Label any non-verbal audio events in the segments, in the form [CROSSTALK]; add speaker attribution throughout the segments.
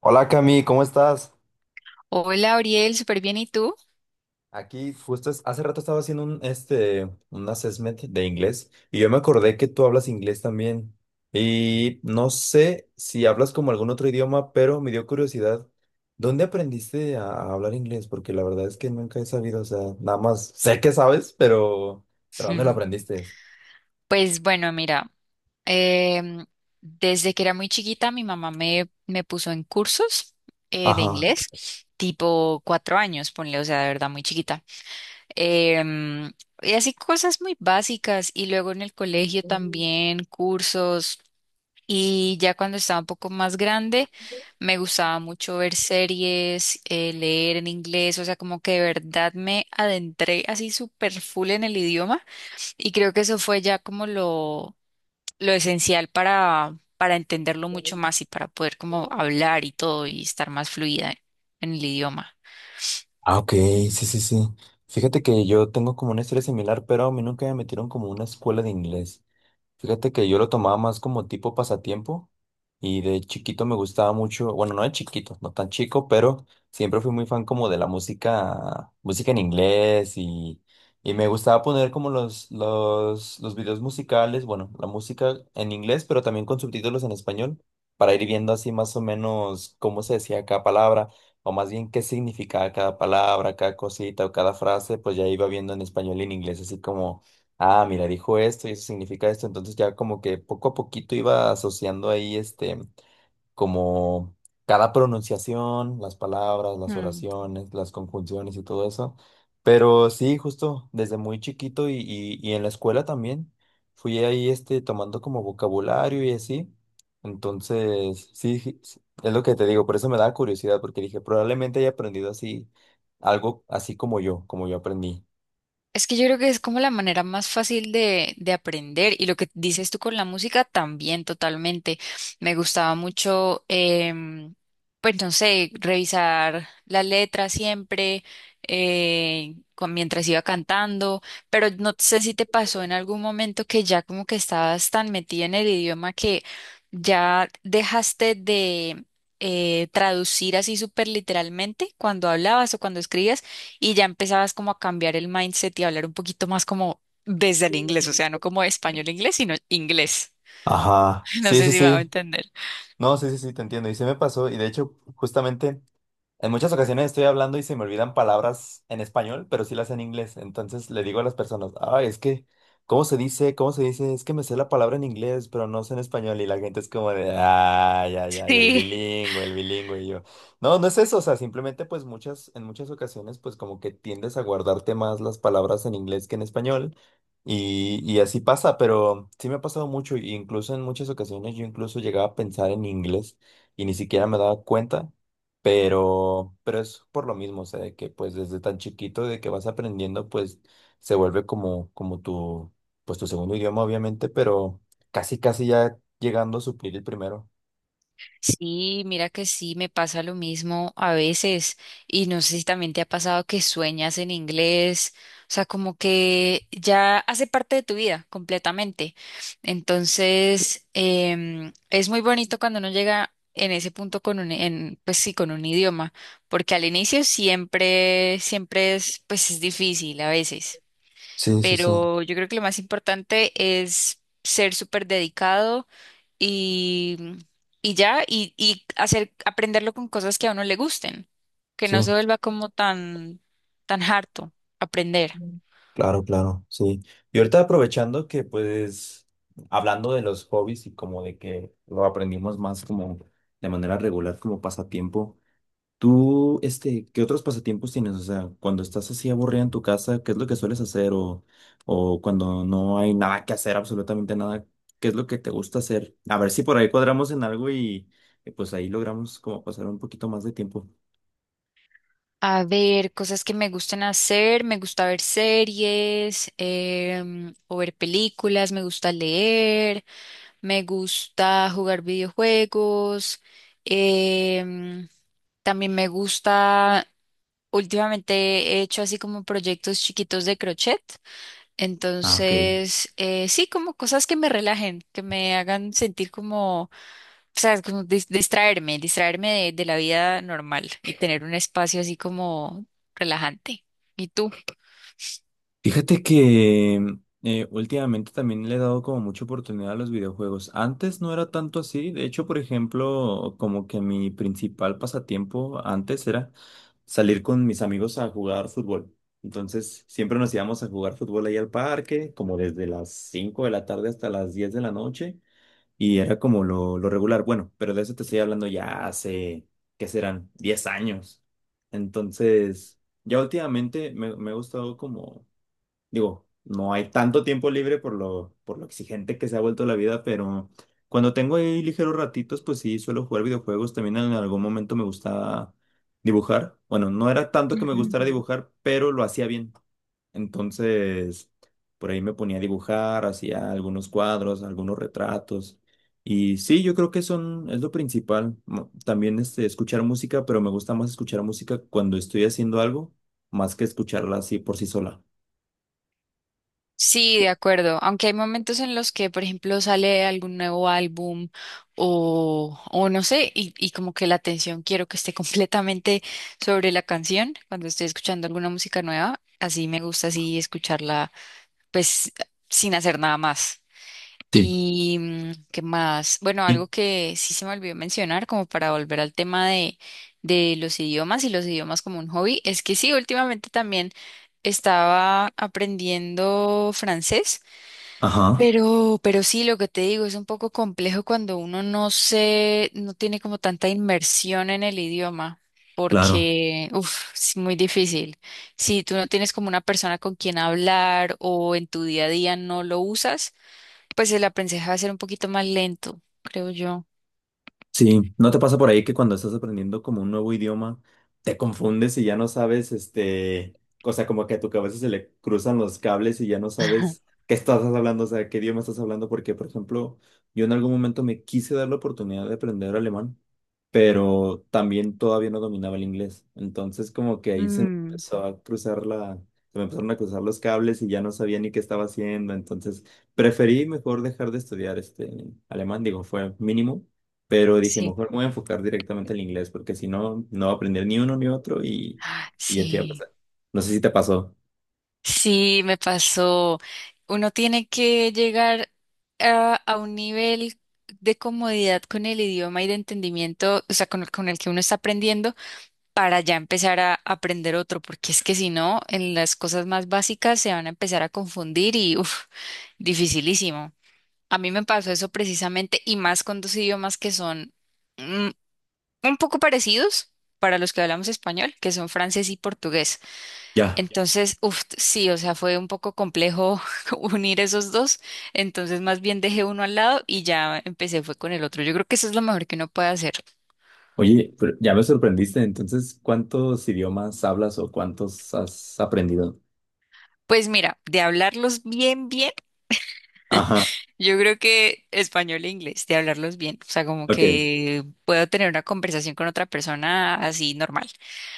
Speaker 1: Hola Cami, ¿cómo estás?
Speaker 2: Hola, Ariel, súper bien, ¿y tú?
Speaker 1: Aquí hace rato estaba haciendo un assessment de inglés y yo me acordé que tú hablas inglés también. Y no sé si hablas como algún otro idioma, pero me dio curiosidad. ¿Dónde aprendiste a hablar inglés? Porque la verdad es que nunca he sabido, o sea, nada más sé que sabes, pero ¿dónde lo
Speaker 2: Ujú.
Speaker 1: aprendiste?
Speaker 2: Pues bueno, mira, em, desde que era muy chiquita mi mamá me puso en cursos de
Speaker 1: Ajá.
Speaker 2: inglés, tipo 4 años, ponle, o sea, de verdad muy chiquita. Em, y así cosas muy básicas y luego en el colegio también cursos y ya cuando estaba un poco más grande me gustaba mucho ver series, leer en inglés, o sea, como que de verdad me adentré así súper full en el idioma. Y creo que eso fue ya como lo esencial para entenderlo mucho más y para poder como hablar y todo y estar más fluida en el idioma.
Speaker 1: Ah, ok, sí, sí, sí. Fíjate que yo tengo como una historia similar, pero a mí nunca me metieron como a una escuela de inglés. Fíjate que yo lo tomaba más como tipo pasatiempo y de chiquito me gustaba mucho, bueno, no de chiquito, no tan chico, pero siempre fui muy fan como de la música, música en inglés y me gustaba poner como los videos musicales, bueno, la música en inglés, pero también con subtítulos en español para ir viendo así más o menos cómo se decía cada palabra o más bien qué significaba cada palabra, cada cosita o cada frase, pues ya iba viendo en español y en inglés así como ah, mira, dijo esto y eso significa esto, entonces ya como que poco a poquito iba asociando ahí como cada pronunciación, las palabras, las
Speaker 2: Mm.
Speaker 1: oraciones, las conjunciones y todo eso, pero sí, justo desde muy chiquito y en la escuela también fui ahí tomando como vocabulario y así, entonces sí, sí, sí, es lo que te digo, por eso me da curiosidad, porque dije, probablemente haya aprendido así, algo así como yo aprendí.
Speaker 2: Es que yo creo que es como la manera más fácil de aprender y lo que dices tú con la música también totalmente. Me gustaba mucho, pues no sé, revisar la letra siempre mientras iba cantando, pero no sé si te pasó en algún momento que ya como que estabas tan metida en el idioma que ya dejaste de traducir así súper literalmente cuando hablabas o cuando escribías y ya empezabas como a cambiar el mindset y a hablar un poquito más como desde el inglés, o sea, no como español-inglés, sino inglés.
Speaker 1: Ajá,
Speaker 2: [LAUGHS] No
Speaker 1: sí,
Speaker 2: sé
Speaker 1: sí,
Speaker 2: si me va a
Speaker 1: sí.
Speaker 2: entender.
Speaker 1: No, sí, sí, sí, te entiendo. Y se me pasó, y de hecho, justamente... En muchas ocasiones estoy hablando y se me olvidan palabras en español, pero sí las sé en inglés. Entonces le digo a las personas, ay, es que, ¿cómo se dice? ¿Cómo se dice? Es que me sé la palabra en inglés, pero no sé en español. Y la gente es como de, ay, ay, ay, el
Speaker 2: Sí.
Speaker 1: bilingüe, el bilingüe. Y yo, no, no es eso. O sea, simplemente pues muchas, en muchas ocasiones pues como que tiendes a guardarte más las palabras en inglés que en español. Y así pasa, pero sí me ha pasado mucho. Y Incluso en muchas ocasiones yo incluso llegaba a pensar en inglés y ni siquiera me daba cuenta. Pero es por lo mismo, o sea, de que pues desde tan chiquito de que vas aprendiendo, pues se vuelve como pues tu segundo idioma, obviamente, pero casi, casi ya llegando a suplir el primero.
Speaker 2: Sí, mira que sí, me pasa lo mismo a veces y no sé si también te ha pasado que sueñas en inglés, o sea, como que ya hace parte de tu vida completamente. Entonces, es muy bonito cuando uno llega en ese punto con un, en, pues sí, con un idioma, porque al inicio siempre es, pues es difícil a veces,
Speaker 1: Sí, sí, sí,
Speaker 2: pero yo creo que lo más importante es ser súper dedicado y, y ya, y hacer, aprenderlo con cosas que a uno le gusten, que
Speaker 1: sí,
Speaker 2: no se vuelva como tan, tan harto aprender.
Speaker 1: Mm. claro, claro, sí. Y ahorita aprovechando que pues hablando de los hobbies y como de que lo aprendimos más como de manera regular, como pasatiempo. ¿Tú, qué otros pasatiempos tienes? O sea, cuando estás así aburrida en tu casa, ¿qué es lo que sueles hacer? O cuando no hay nada que hacer, absolutamente nada, ¿qué es lo que te gusta hacer? A ver si por ahí cuadramos en algo y pues ahí logramos como pasar un poquito más de tiempo.
Speaker 2: A ver, cosas que me gusten hacer, me gusta ver series, o ver películas, me gusta leer, me gusta jugar videojuegos, em, también me gusta, últimamente he hecho así como proyectos chiquitos de crochet.
Speaker 1: Ah, ok.
Speaker 2: Entonces, sí, como cosas que me relajen, que me hagan sentir como, o sea, como dis- distraerme, distraerme de la vida normal y tener un espacio así como relajante. ¿Y tú?
Speaker 1: Fíjate que últimamente también le he dado como mucha oportunidad a los videojuegos. Antes no era tanto así. De hecho, por ejemplo, como que mi principal pasatiempo antes era salir con mis amigos a jugar fútbol. Entonces, siempre nos íbamos a jugar fútbol ahí al parque, como desde las 5 de la tarde hasta las 10 de la noche. Y era como lo regular. Bueno, pero de eso te estoy hablando ya hace, ¿qué serán? 10 años. Entonces, ya últimamente me ha gustado como Digo, no hay tanto tiempo libre por por lo exigente que se ha vuelto la vida, pero cuando tengo ahí ligeros ratitos, pues sí, suelo jugar videojuegos. También en algún momento me gustaba dibujar. Bueno, no era tanto que me gustara Ujú. Dibujar, pero lo hacía bien. Entonces, por ahí me ponía a dibujar, hacía algunos cuadros, algunos retratos. Y sí, yo creo que son, es lo principal. También escuchar música, pero me gusta más escuchar música cuando estoy haciendo algo, más que escucharla así por sí sola.
Speaker 2: Sí, de acuerdo. Aunque hay momentos en los que, por ejemplo, sale algún nuevo álbum o no sé, y como que la atención quiero que esté [LAUGHS] completamente sobre la canción cuando estoy escuchando alguna música nueva. Así me gusta así escucharla, pues, sin hacer nada más.
Speaker 1: Sí.
Speaker 2: Y mm, qué más, bueno,
Speaker 1: ¿Y
Speaker 2: algo que sí se me olvidó mencionar, como para volver al tema de los idiomas y los idiomas como un hobby, es que sí, últimamente también estaba aprendiendo francés.
Speaker 1: Ajá,
Speaker 2: Pero sí, lo que te digo es un poco complejo cuando uno no se, no tiene como tanta inmersión en el idioma,
Speaker 1: claro.
Speaker 2: porque, uff, es muy difícil. Si tú no tienes como una persona con quien hablar o en tu día a día no lo usas, pues el aprendizaje va a ser un poquito más lento, creo yo.
Speaker 1: Sí, ¿no te pasa por ahí que cuando estás aprendiendo como un nuevo idioma, te confundes y ya no sabes, o sea, como que a tu cabeza se le cruzan los cables y ya no sabes
Speaker 2: [LAUGHS]
Speaker 1: qué estás hablando, o sea, qué idioma estás hablando? Porque, por ejemplo, yo en algún momento me quise dar la oportunidad de aprender alemán, pero también todavía no dominaba el inglés. Entonces, como que ahí se me
Speaker 2: Mm,
Speaker 1: empezó a cruzar la, se me empezaron a cruzar los cables y ya no sabía ni qué estaba haciendo. Entonces, preferí mejor dejar de estudiar alemán, digo, fue mínimo pero dije,
Speaker 2: sí,
Speaker 1: mejor me voy a enfocar directamente al inglés, porque si no, no voy a aprender ni uno ni otro y ya te a
Speaker 2: sí.
Speaker 1: pasar. No sé si te pasó.
Speaker 2: Sí, me pasó. Uno tiene que llegar a un nivel de comodidad con el idioma y de entendimiento, o sea, con el que uno está aprendiendo, para ya empezar a aprender otro, porque es que si no, en las cosas más básicas se van a empezar a confundir y, uff, dificilísimo. A mí me pasó eso precisamente, y más con dos idiomas que son mm, un poco parecidos para los que hablamos español, que son francés y portugués.
Speaker 1: Ya.
Speaker 2: Entonces, uff, sí, o sea, fue un poco complejo [LAUGHS] unir esos dos. Entonces, más bien dejé uno al lado y ya empecé fue con el otro. Yo creo que eso es lo mejor que uno puede hacer.
Speaker 1: Oye, pero ya me sorprendiste. Entonces, ¿cuántos idiomas hablas o cuántos has aprendido?
Speaker 2: Pues mira, de hablarlos bien, bien,
Speaker 1: Ajá,
Speaker 2: yo creo que español e inglés, de hablarlos bien. O sea, como
Speaker 1: ok,
Speaker 2: que puedo tener una conversación con otra persona así normal.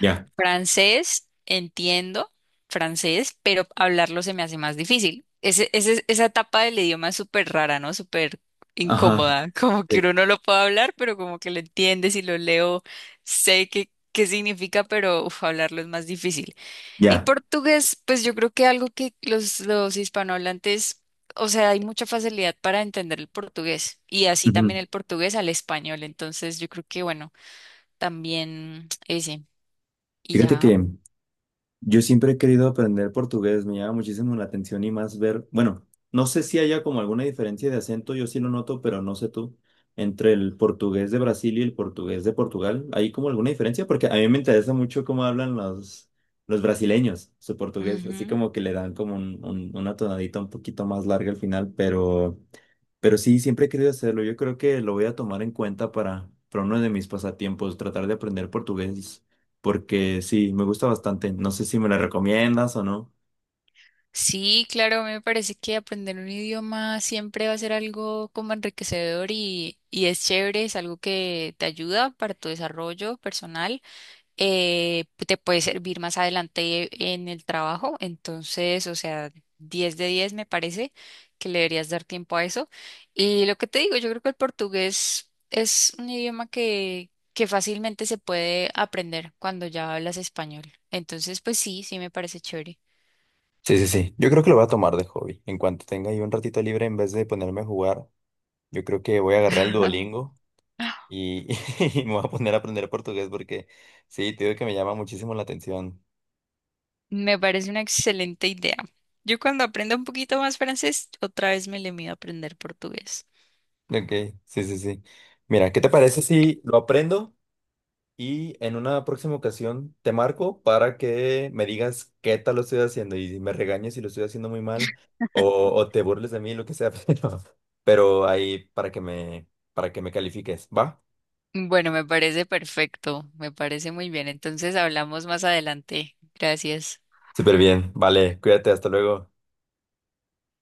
Speaker 1: ya.
Speaker 2: Francés, entiendo francés, pero hablarlo se me hace más difícil. Esa etapa del idioma es súper rara, ¿no? Súper
Speaker 1: Ajá,
Speaker 2: incómoda, [LAUGHS] como que uno
Speaker 1: sí,
Speaker 2: no lo puede hablar, pero como que lo entiendes y lo leo, sé qué, qué significa, pero uf, hablarlo es más difícil. Y
Speaker 1: ya.
Speaker 2: portugués, pues yo creo que algo que los hispanohablantes, o sea, hay mucha facilidad para entender el portugués y así también
Speaker 1: Ujú.
Speaker 2: el portugués al español, entonces yo creo que bueno, también ese y
Speaker 1: Fíjate
Speaker 2: ya.
Speaker 1: que Yo siempre he querido aprender portugués, me llama muchísimo la atención y más ver, bueno, no sé si haya como alguna diferencia de acento, yo sí lo noto, pero no sé tú, entre el portugués de Brasil y el portugués de Portugal, ¿hay como alguna diferencia? Porque a mí me interesa mucho cómo hablan los brasileños su portugués, así
Speaker 2: Ujú.
Speaker 1: como que le dan como un, una tonadita un poquito más larga al final, pero... Pero sí, siempre he querido hacerlo. Yo creo que lo voy a tomar en cuenta para uno de mis pasatiempos, tratar de aprender portugués, porque sí, me gusta bastante. No sé si me lo recomiendas o no.
Speaker 2: Sí, claro, me parece que aprender un idioma siempre va a ser algo como enriquecedor y es chévere, es algo que te ayuda para tu desarrollo personal, te puede servir más adelante en el trabajo, entonces, o sea, 10 de 10 me parece que le deberías dar tiempo a eso. Y lo que te digo, yo creo que el portugués es un idioma que fácilmente se puede aprender cuando ya hablas español, entonces, pues sí, sí me parece chévere.
Speaker 1: Sí, sí, sí. Yo creo que lo voy a tomar de hobby. En cuanto tenga yo un ratito libre, en vez de ponerme a jugar, yo creo que voy a agarrar el
Speaker 2: [LAUGHS]
Speaker 1: Duolingo y, [LAUGHS] y me voy a poner a aprender portugués porque sí, te digo que me llama muchísimo la atención.
Speaker 2: Me parece una excelente idea. Yo cuando aprenda un poquito más francés, otra vez me le mido a aprender portugués.
Speaker 1: Ok, sí, sí, sí. Mira, ¿qué te parece si lo aprendo? Y en una próxima ocasión te marco para que me digas qué tal lo estoy haciendo y me regañes si lo estoy haciendo muy mal
Speaker 2: [LAUGHS]
Speaker 1: o, o te burles de mí, lo que sea, [LAUGHS] pero ahí para que me califiques. ¿Va?
Speaker 2: Bueno, me parece perfecto, me parece muy bien. Entonces hablamos más adelante. Gracias.
Speaker 1: Súper bien. Vale, cuídate, hasta luego.